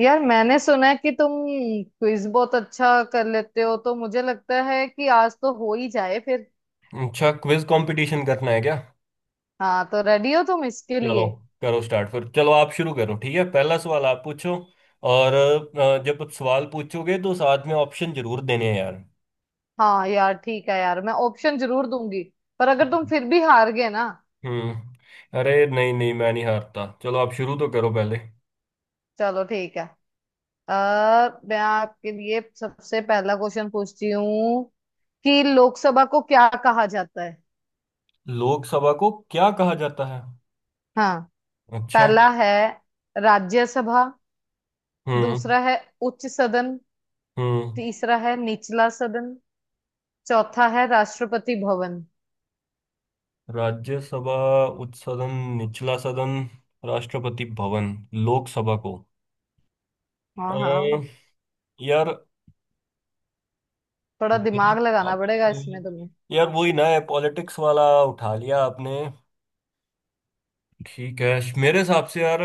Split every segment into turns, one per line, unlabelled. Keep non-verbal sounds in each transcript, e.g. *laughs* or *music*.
यार मैंने सुना है कि तुम क्विज बहुत अच्छा कर लेते हो। तो मुझे लगता है कि आज तो हो ही जाए फिर।
अच्छा, क्विज कंपटीशन करना है क्या।
हाँ, तो रेडी हो तुम इसके
चलो
लिए?
करो स्टार्ट, फिर चलो आप शुरू करो। ठीक है, पहला सवाल आप पूछो। और जब आप सवाल पूछोगे तो साथ में ऑप्शन जरूर देने हैं यार।
हाँ यार, ठीक है यार, मैं ऑप्शन जरूर दूंगी। पर अगर तुम फिर भी हार गए ना।
हम्म। अरे नहीं नहीं, मैं नहीं हारता, चलो आप शुरू तो करो पहले।
चलो ठीक है। मैं आपके लिए सबसे पहला क्वेश्चन पूछती हूँ कि लोकसभा को क्या कहा जाता है।
लोकसभा को क्या कहा जाता है।
हाँ।
अच्छा।
पहला है राज्यसभा।
हम्म।
दूसरा है उच्च सदन।
हम्म।
तीसरा है निचला सदन। चौथा है राष्ट्रपति भवन।
राज्यसभा, उच्च सदन, निचला सदन, राष्ट्रपति भवन। लोकसभा को अ,
हाँ हाँ।
यार,
थोड़ा
मेरी
दिमाग लगाना पड़ेगा
आपसे,
इसमें तुम्हें।
यार वही ना है पॉलिटिक्स वाला उठा लिया आपने। ठीक है, मेरे हिसाब से यार,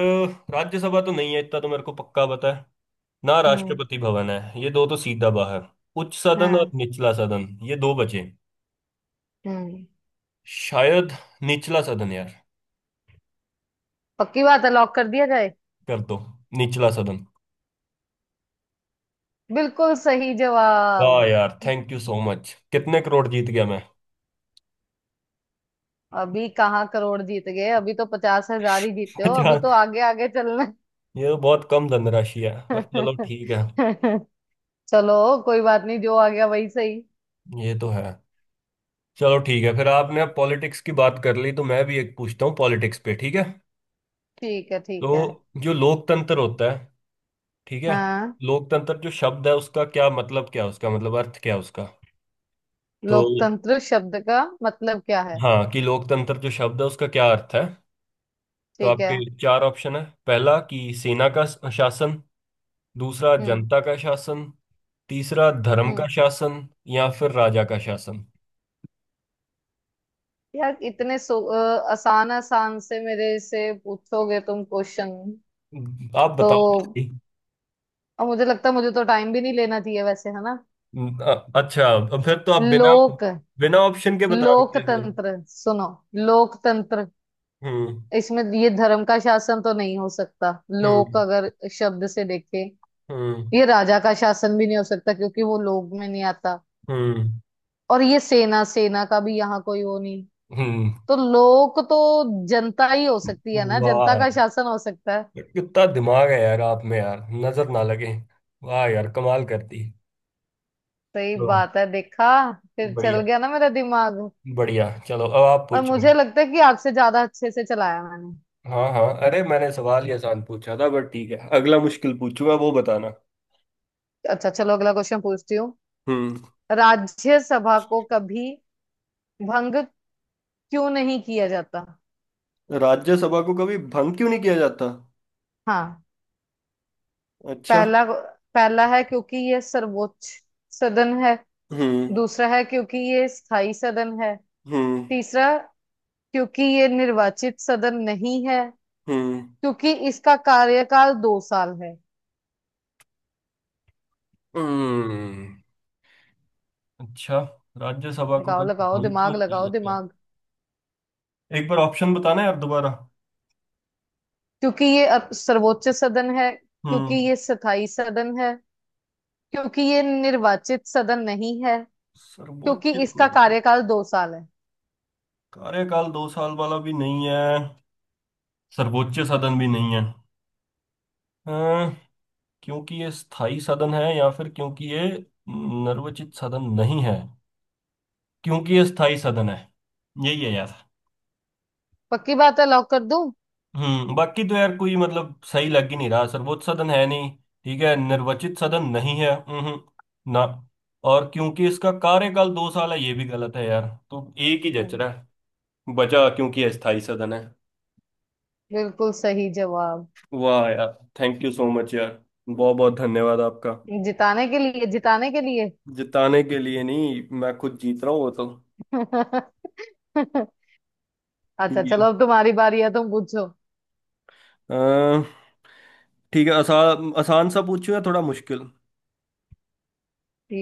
राज्यसभा तो नहीं है, इतना तो मेरे को पक्का पता है। ना
हम्म।
राष्ट्रपति भवन है, ये दो तो सीधा बाहर। उच्च सदन और
हाँ।
निचला सदन, ये दो बचे।
हम्म।
शायद निचला सदन यार।
पक्की बात है, लॉक कर दिया जाए।
कर दो, निचला सदन।
बिल्कुल सही जवाब।
वाह यार, थैंक यू सो मच। कितने करोड़ जीत गया मैं।
अभी कहाँ करोड़ जीत गए, अभी तो 50,000 ही जीते
*laughs*
हो, अभी
अच्छा,
तो आगे आगे चलना है।
ये तो बहुत कम धनराशि है, पर चलो ठीक है।
*laughs* चलो, कोई बात नहीं, जो आ गया वही सही।
ये तो है। चलो ठीक है, फिर आपने अब पॉलिटिक्स की बात कर ली तो मैं भी एक पूछता हूँ पॉलिटिक्स पे, ठीक है।
ठीक है ठीक है।
तो जो लोकतंत्र होता है, ठीक है,
हाँ,
लोकतंत्र जो शब्द है उसका क्या मतलब क्या है, उसका मतलब अर्थ क्या है उसका। तो
लोकतंत्र शब्द का मतलब क्या है।
हाँ, कि लोकतंत्र जो शब्द है उसका क्या अर्थ है। तो
ठीक
आपके
है।
चार ऑप्शन है। पहला कि सेना का शासन, दूसरा
हम्म।
जनता का शासन, तीसरा धर्म का
हम्म।
शासन, या फिर राजा का शासन।
यार, इतने सो आसान आसान से मेरे से पूछोगे तुम क्वेश्चन
आप
तो?
बताओ।
और मुझे लगता है, मुझे तो टाइम भी नहीं लेना चाहिए वैसे, है ना।
अच्छा, अब फिर तो आप बिना,
लोक,
बिना ऑप्शन के बता रहे थे।
लोकतंत्र सुनो। लोकतंत्र।
हम्म।
इसमें ये धर्म का शासन तो नहीं हो सकता। लोक
हम्म।
अगर शब्द से देखें,
हम्म।
ये राजा का शासन भी नहीं हो सकता क्योंकि वो लोक में नहीं आता।
हम्म।
और ये सेना सेना का भी यहाँ कोई वो नहीं।
हम्म।
तो लोक तो जनता ही हो सकती है ना, जनता
वाह,
का शासन हो सकता है।
कितना दिमाग है यार आप में, यार नजर ना लगे। वाह यार, कमाल करती।
सही
लो।
बात है, देखा, फिर चल
बढ़िया,
गया ना मेरा दिमाग।
बढ़िया, चलो अब आप
और
पूछो।
मुझे लगता है कि आपसे ज्यादा अच्छे से चलाया मैंने।
हाँ हाँ, अरे मैंने सवाल ही आसान पूछा था, बट ठीक है, अगला मुश्किल पूछूंगा वो बताना।
अच्छा, चलो, अगला क्वेश्चन पूछती हूँ।
हम्म।
राज्यसभा को कभी भंग क्यों नहीं किया जाता।
राज्यसभा को कभी भंग क्यों नहीं किया जाता।
हाँ।
अच्छा।
पहला पहला है क्योंकि ये सर्वोच्च सदन है।
हम्म।
दूसरा है क्योंकि ये स्थायी सदन है।
हम्म।
तीसरा क्योंकि ये निर्वाचित सदन नहीं है।
हम्म।
क्योंकि इसका कार्यकाल 2 साल है।
हम्म। अच्छा, राज्यसभा को
लगाओ
कभी
लगाओ
भंग क्यों
दिमाग,
नहीं
लगाओ
किया जाता।
दिमाग।
एक बार ऑप्शन बताना यार दोबारा।
क्योंकि ये सर्वोच्च सदन है, क्योंकि
हम्म।
ये स्थायी सदन है, क्योंकि ये निर्वाचित सदन नहीं है, क्योंकि
सर्वोच्च तो
इसका
नहीं है।
कार्यकाल दो साल है।
कार्यकाल दो साल वाला भी नहीं है। सर्वोच्च साधन भी नहीं है। अं, क्योंकि ये स्थायी साधन है, या फिर क्योंकि ये नर्वचित साधन नहीं है। क्योंकि ये स्थायी साधन है, यही है यार।
पक्की बात है, लॉक कर दूं।
हम्म, बाकी तो यार कोई मतलब सही लग ही नहीं रहा। सर्वोच्च सदन है नहीं, ठीक है। निर्वाचित सदन नहीं है, हम्म, ना। और क्योंकि इसका कार्यकाल दो साल है, ये भी गलत है यार, तो एक ही जच
हम्म,
रहा है। बचा क्योंकि अस्थाई सदन है।
बिल्कुल सही जवाब।
वाह यार, थैंक यू सो मच यार, बहुत बहुत धन्यवाद आपका।
जिताने के लिए, जिताने के लिए।
जिताने के लिए नहीं, मैं खुद जीत रहा हूँ वो तो।
*laughs* अच्छा,
ठीक
चलो,
है।
अब तुम्हारी बारी है, तुम पूछो।
अ, ठीक है, आसान आसान सा पूछूं या थोड़ा मुश्किल।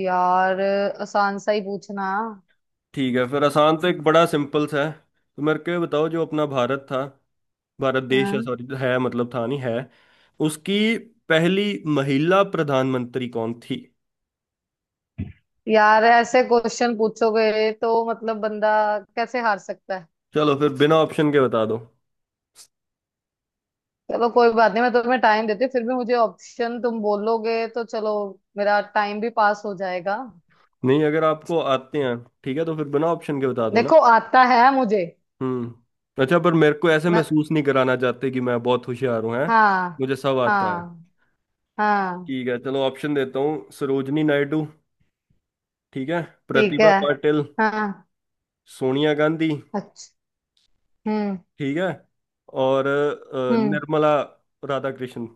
यार, आसान सा ही पूछना।
ठीक है, फिर आसान तो एक बड़ा सिंपल सा है। तो मेरे को ये बताओ, जो अपना भारत था, भारत देश है,
हाँ
सॉरी है, मतलब था नहीं है, उसकी पहली महिला प्रधानमंत्री कौन थी।
यार, ऐसे क्वेश्चन पूछोगे तो मतलब बंदा कैसे हार सकता।
चलो, फिर बिना ऑप्शन के बता दो।
चलो, कोई बात नहीं, मैं तुम्हें टाइम देती हूँ, फिर भी मुझे ऑप्शन तुम बोलोगे तो चलो, मेरा टाइम भी पास हो जाएगा।
नहीं, अगर आपको आते हैं, ठीक है, तो फिर बिना ऑप्शन के बता दो ना।
देखो, आता है मुझे।
हम्म। अच्छा, पर मेरे को ऐसे
मैं।
महसूस नहीं कराना चाहते कि मैं बहुत होशियार हूँ, है,
हाँ।
मुझे सब आता है।
हाँ। हाँ।
ठीक है, चलो ऑप्शन देता हूँ। सरोजनी नायडू, ठीक है,
ठीक है।
प्रतिभा पाटिल,
हाँ।
सोनिया गांधी,
अच्छा। हम्म।
ठीक है, और
हम्म।
निर्मला राधाकृष्ण।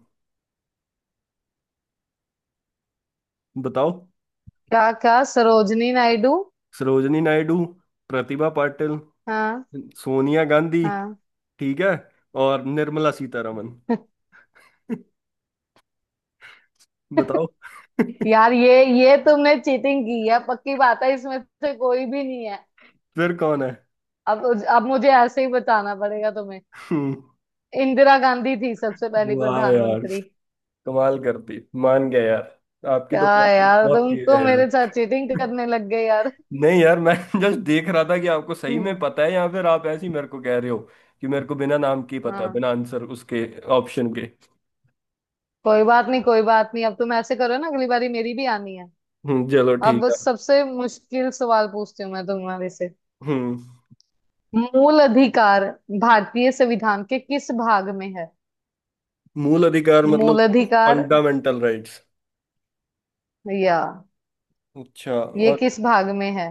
बताओ।
क्या क्या सरोजनी नायडू।
सरोजनी नायडू, प्रतिभा पाटिल,
हाँ।
सोनिया गांधी,
हाँ।
ठीक है, और निर्मला सीतारमण। *laughs* बताओ।
*laughs*
*laughs*
यार, ये तुमने चीटिंग की है, पक्की बात है, इसमें से कोई भी नहीं है।
फिर कौन है।
अब अब मुझे ऐसे ही बताना पड़ेगा तुम्हें।
*laughs* हम्म।
इंदिरा गांधी थी सबसे पहली
वाह यार,
प्रधानमंत्री।
कमाल करती, मान गया यार आपकी
क्या
तो, बहुत
यार,
बहुत
तुम
तेज
तो
है यार।
मेरे साथ चीटिंग करने लग गए यार।
नहीं यार, मैं *laughs* जस्ट देख रहा था कि आपको सही में
हम्म,
पता है या फिर आप ऐसे ही मेरे को कह रहे हो कि मेरे को बिना नाम के ही पता है,
हाँ।
बिना आंसर उसके, ऑप्शन के।
कोई बात नहीं, कोई बात नहीं, अब तुम ऐसे करो ना, अगली बारी मेरी भी आनी है।
हम्म, चलो
अब
ठीक है।
बस सबसे मुश्किल सवाल पूछती हूँ मैं तुम्हारे से।
हम्म।
मूल अधिकार भारतीय संविधान के किस भाग में है।
मूल अधिकार मतलब
मूल अधिकार।
Fundamental rights.
या
अच्छा,
ये
और
किस भाग में है?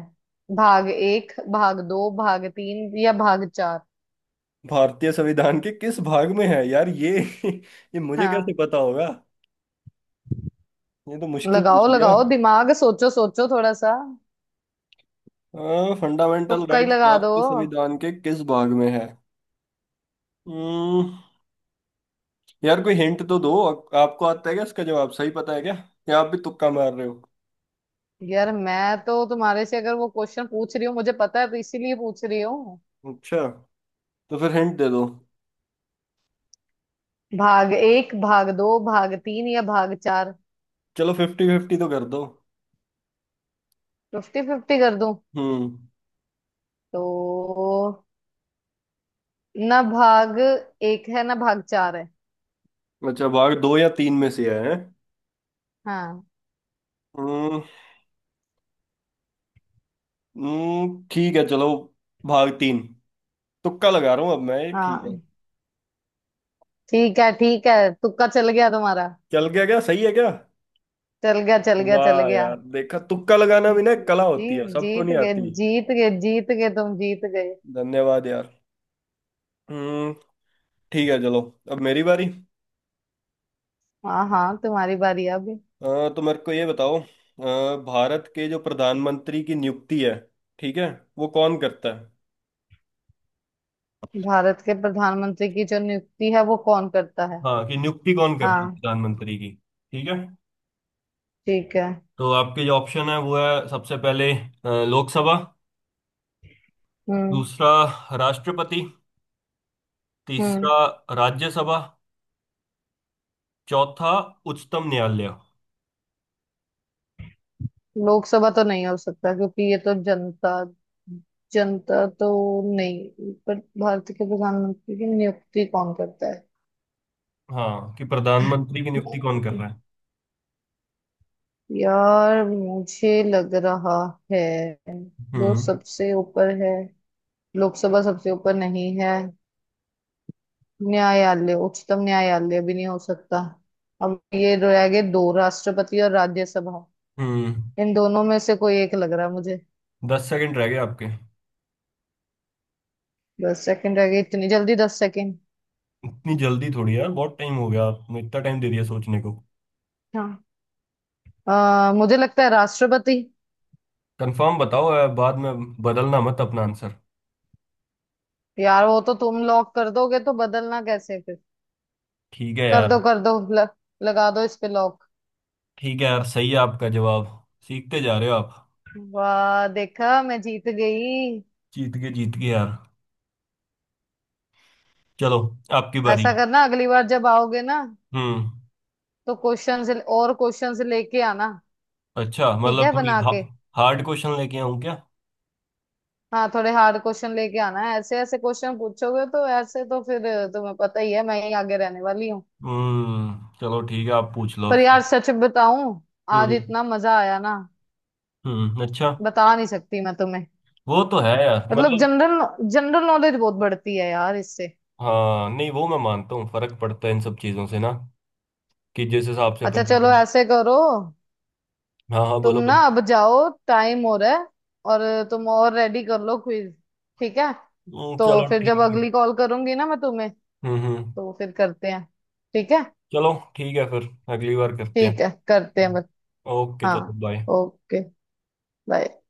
भाग एक, भाग दो, भाग तीन या भाग चार।
भारतीय संविधान के किस भाग में है यार ये। *laughs* ये मुझे कैसे
हाँ।
पता होगा, ये तो मुश्किल पूछ
लगाओ
लिया।
लगाओ दिमाग, सोचो सोचो थोड़ा सा।
फंडामेंटल
तुक्का ही
राइट
लगा दो।
भारतीय संविधान के किस भाग में है। हम्म, यार कोई हिंट तो दो। आपको आता है क्या इसका जवाब, सही पता है क्या, या आप भी तुक्का मार रहे हो।
यार, मैं तो तुम्हारे से अगर वो क्वेश्चन पूछ रही हूँ, मुझे पता है तो इसीलिए पूछ रही हूँ।
अच्छा, तो फिर हिंट दे दो।
भाग एक, भाग दो, भाग तीन या भाग चार।
चलो फिफ्टी फिफ्टी तो कर दो।
फिफ्टी फिफ्टी कर दूं
हम्म।
तो, ना भाग एक है ना भाग चार है।
अच्छा, भाग दो या तीन में से है।
हाँ।
हम्म। ठीक है चलो, भाग तीन, तुक्का लगा रहा हूँ अब मैं, ये ठीक है।
हाँ। ठीक है ठीक है, तुक्का चल गया तुम्हारा।
चल गया क्या, सही है क्या।
चल गया चल गया चल
वाह
गया।
यार, देखा, तुक्का लगाना भी ना एक कला
जी,
होती है, सबको
जीत
नहीं
गए
आती।
जीत गए जीत गए, तुम जीत गए।
धन्यवाद यार। हम्म। ठीक है चलो, अब मेरी बारी।
हाँ हाँ, तुम्हारी बारी अब।
अ, तो मेरे को ये बताओ, भारत के जो प्रधानमंत्री की नियुक्ति है, ठीक है, वो कौन करता है।
भारत के प्रधानमंत्री की जो नियुक्ति है, वो कौन करता है।
हाँ कि नियुक्ति कौन करता है
हाँ।
प्रधानमंत्री की। ठीक है,
ठीक है।
तो आपके जो ऑप्शन है वो है, सबसे पहले लोकसभा,
हम्म।
दूसरा राष्ट्रपति,
हम्म।
तीसरा राज्यसभा, चौथा उच्चतम न्यायालय।
लोकसभा तो नहीं हो सकता क्योंकि ये तो जनता, जनता तो नहीं, पर भारत के प्रधानमंत्री की नियुक्ति कौन करता
हाँ कि प्रधानमंत्री की नियुक्ति कौन कर
है।
रहा है।
यार मुझे लग रहा है, जो
हम्म।
सबसे ऊपर है। लोकसभा सबसे ऊपर नहीं है। न्यायालय, उच्चतम न्यायालय भी नहीं हो सकता। अब ये रह गए दो, राष्ट्रपति और राज्यसभा।
हम्म।
इन दोनों में से कोई एक लग रहा है मुझे।
दस सेकंड रह गए आपके।
10 सेकंड रह गए, इतनी जल्दी 10 सेकंड?
इतनी जल्दी थोड़ी यार, बहुत टाइम हो गया, आपने इतना टाइम दे दिया सोचने को।
हाँ। मुझे लगता है राष्ट्रपति।
कंफर्म बताओ यार, बाद में बदलना मत अपना आंसर।
यार, वो तो तुम लॉक कर दोगे तो बदलना कैसे फिर।
ठीक है
कर
यार।
दो कर दो, लगा दो इस पे लॉक।
ठीक है यार, सही है आपका जवाब, सीखते जा रहे हो आप।
वाह देखा, मैं जीत गई।
जीत गए यार, चलो आपकी बारी।
ऐसा करना, अगली बार जब आओगे ना,
हम्म।
तो क्वेश्चंस, और क्वेश्चंस लेके आना।
अच्छा
ठीक
मतलब
है,
थोड़ी
बना के।
हार्ड क्वेश्चन लेके आऊं क्या।
हाँ, थोड़े हार्ड क्वेश्चन लेके आना है। ऐसे ऐसे क्वेश्चन पूछोगे तो ऐसे तो फिर तुम्हें पता ही है, मैं ही आगे रहने वाली हूँ।
हम्म, चलो ठीक है, आप पूछ लो
पर यार
अब।
सच बताऊं, आज
हम्म।
इतना मजा आया ना,
हम्म। अच्छा।
बता नहीं सकती मैं तुम्हें।
वो तो है यार
मतलब
मतलब।
जनरल जनरल नॉलेज बहुत बढ़ती है यार इससे।
हाँ नहीं, वो मैं मानता हूँ, फर्क पड़ता है इन सब चीजों से ना, कि जिस हिसाब से
अच्छा
अपन
चलो,
जीवन।
ऐसे करो,
हाँ हाँ,
तुम
बोलो
ना
बोलो।
अब जाओ, टाइम हो रहा है, और तुम और रेडी कर लो क्विज। ठीक है? तो
चलो
फिर
ठीक
जब
है।
अगली कॉल करूंगी ना मैं तुम्हें,
हम्म। हम्म,
तो फिर करते हैं। ठीक है।
चलो ठीक है फिर, अगली बार करते हैं।
ठीक है, करते हैं
हम्म,
बस।
ओके
हाँ।
चलो बाय।
ओके। बाय।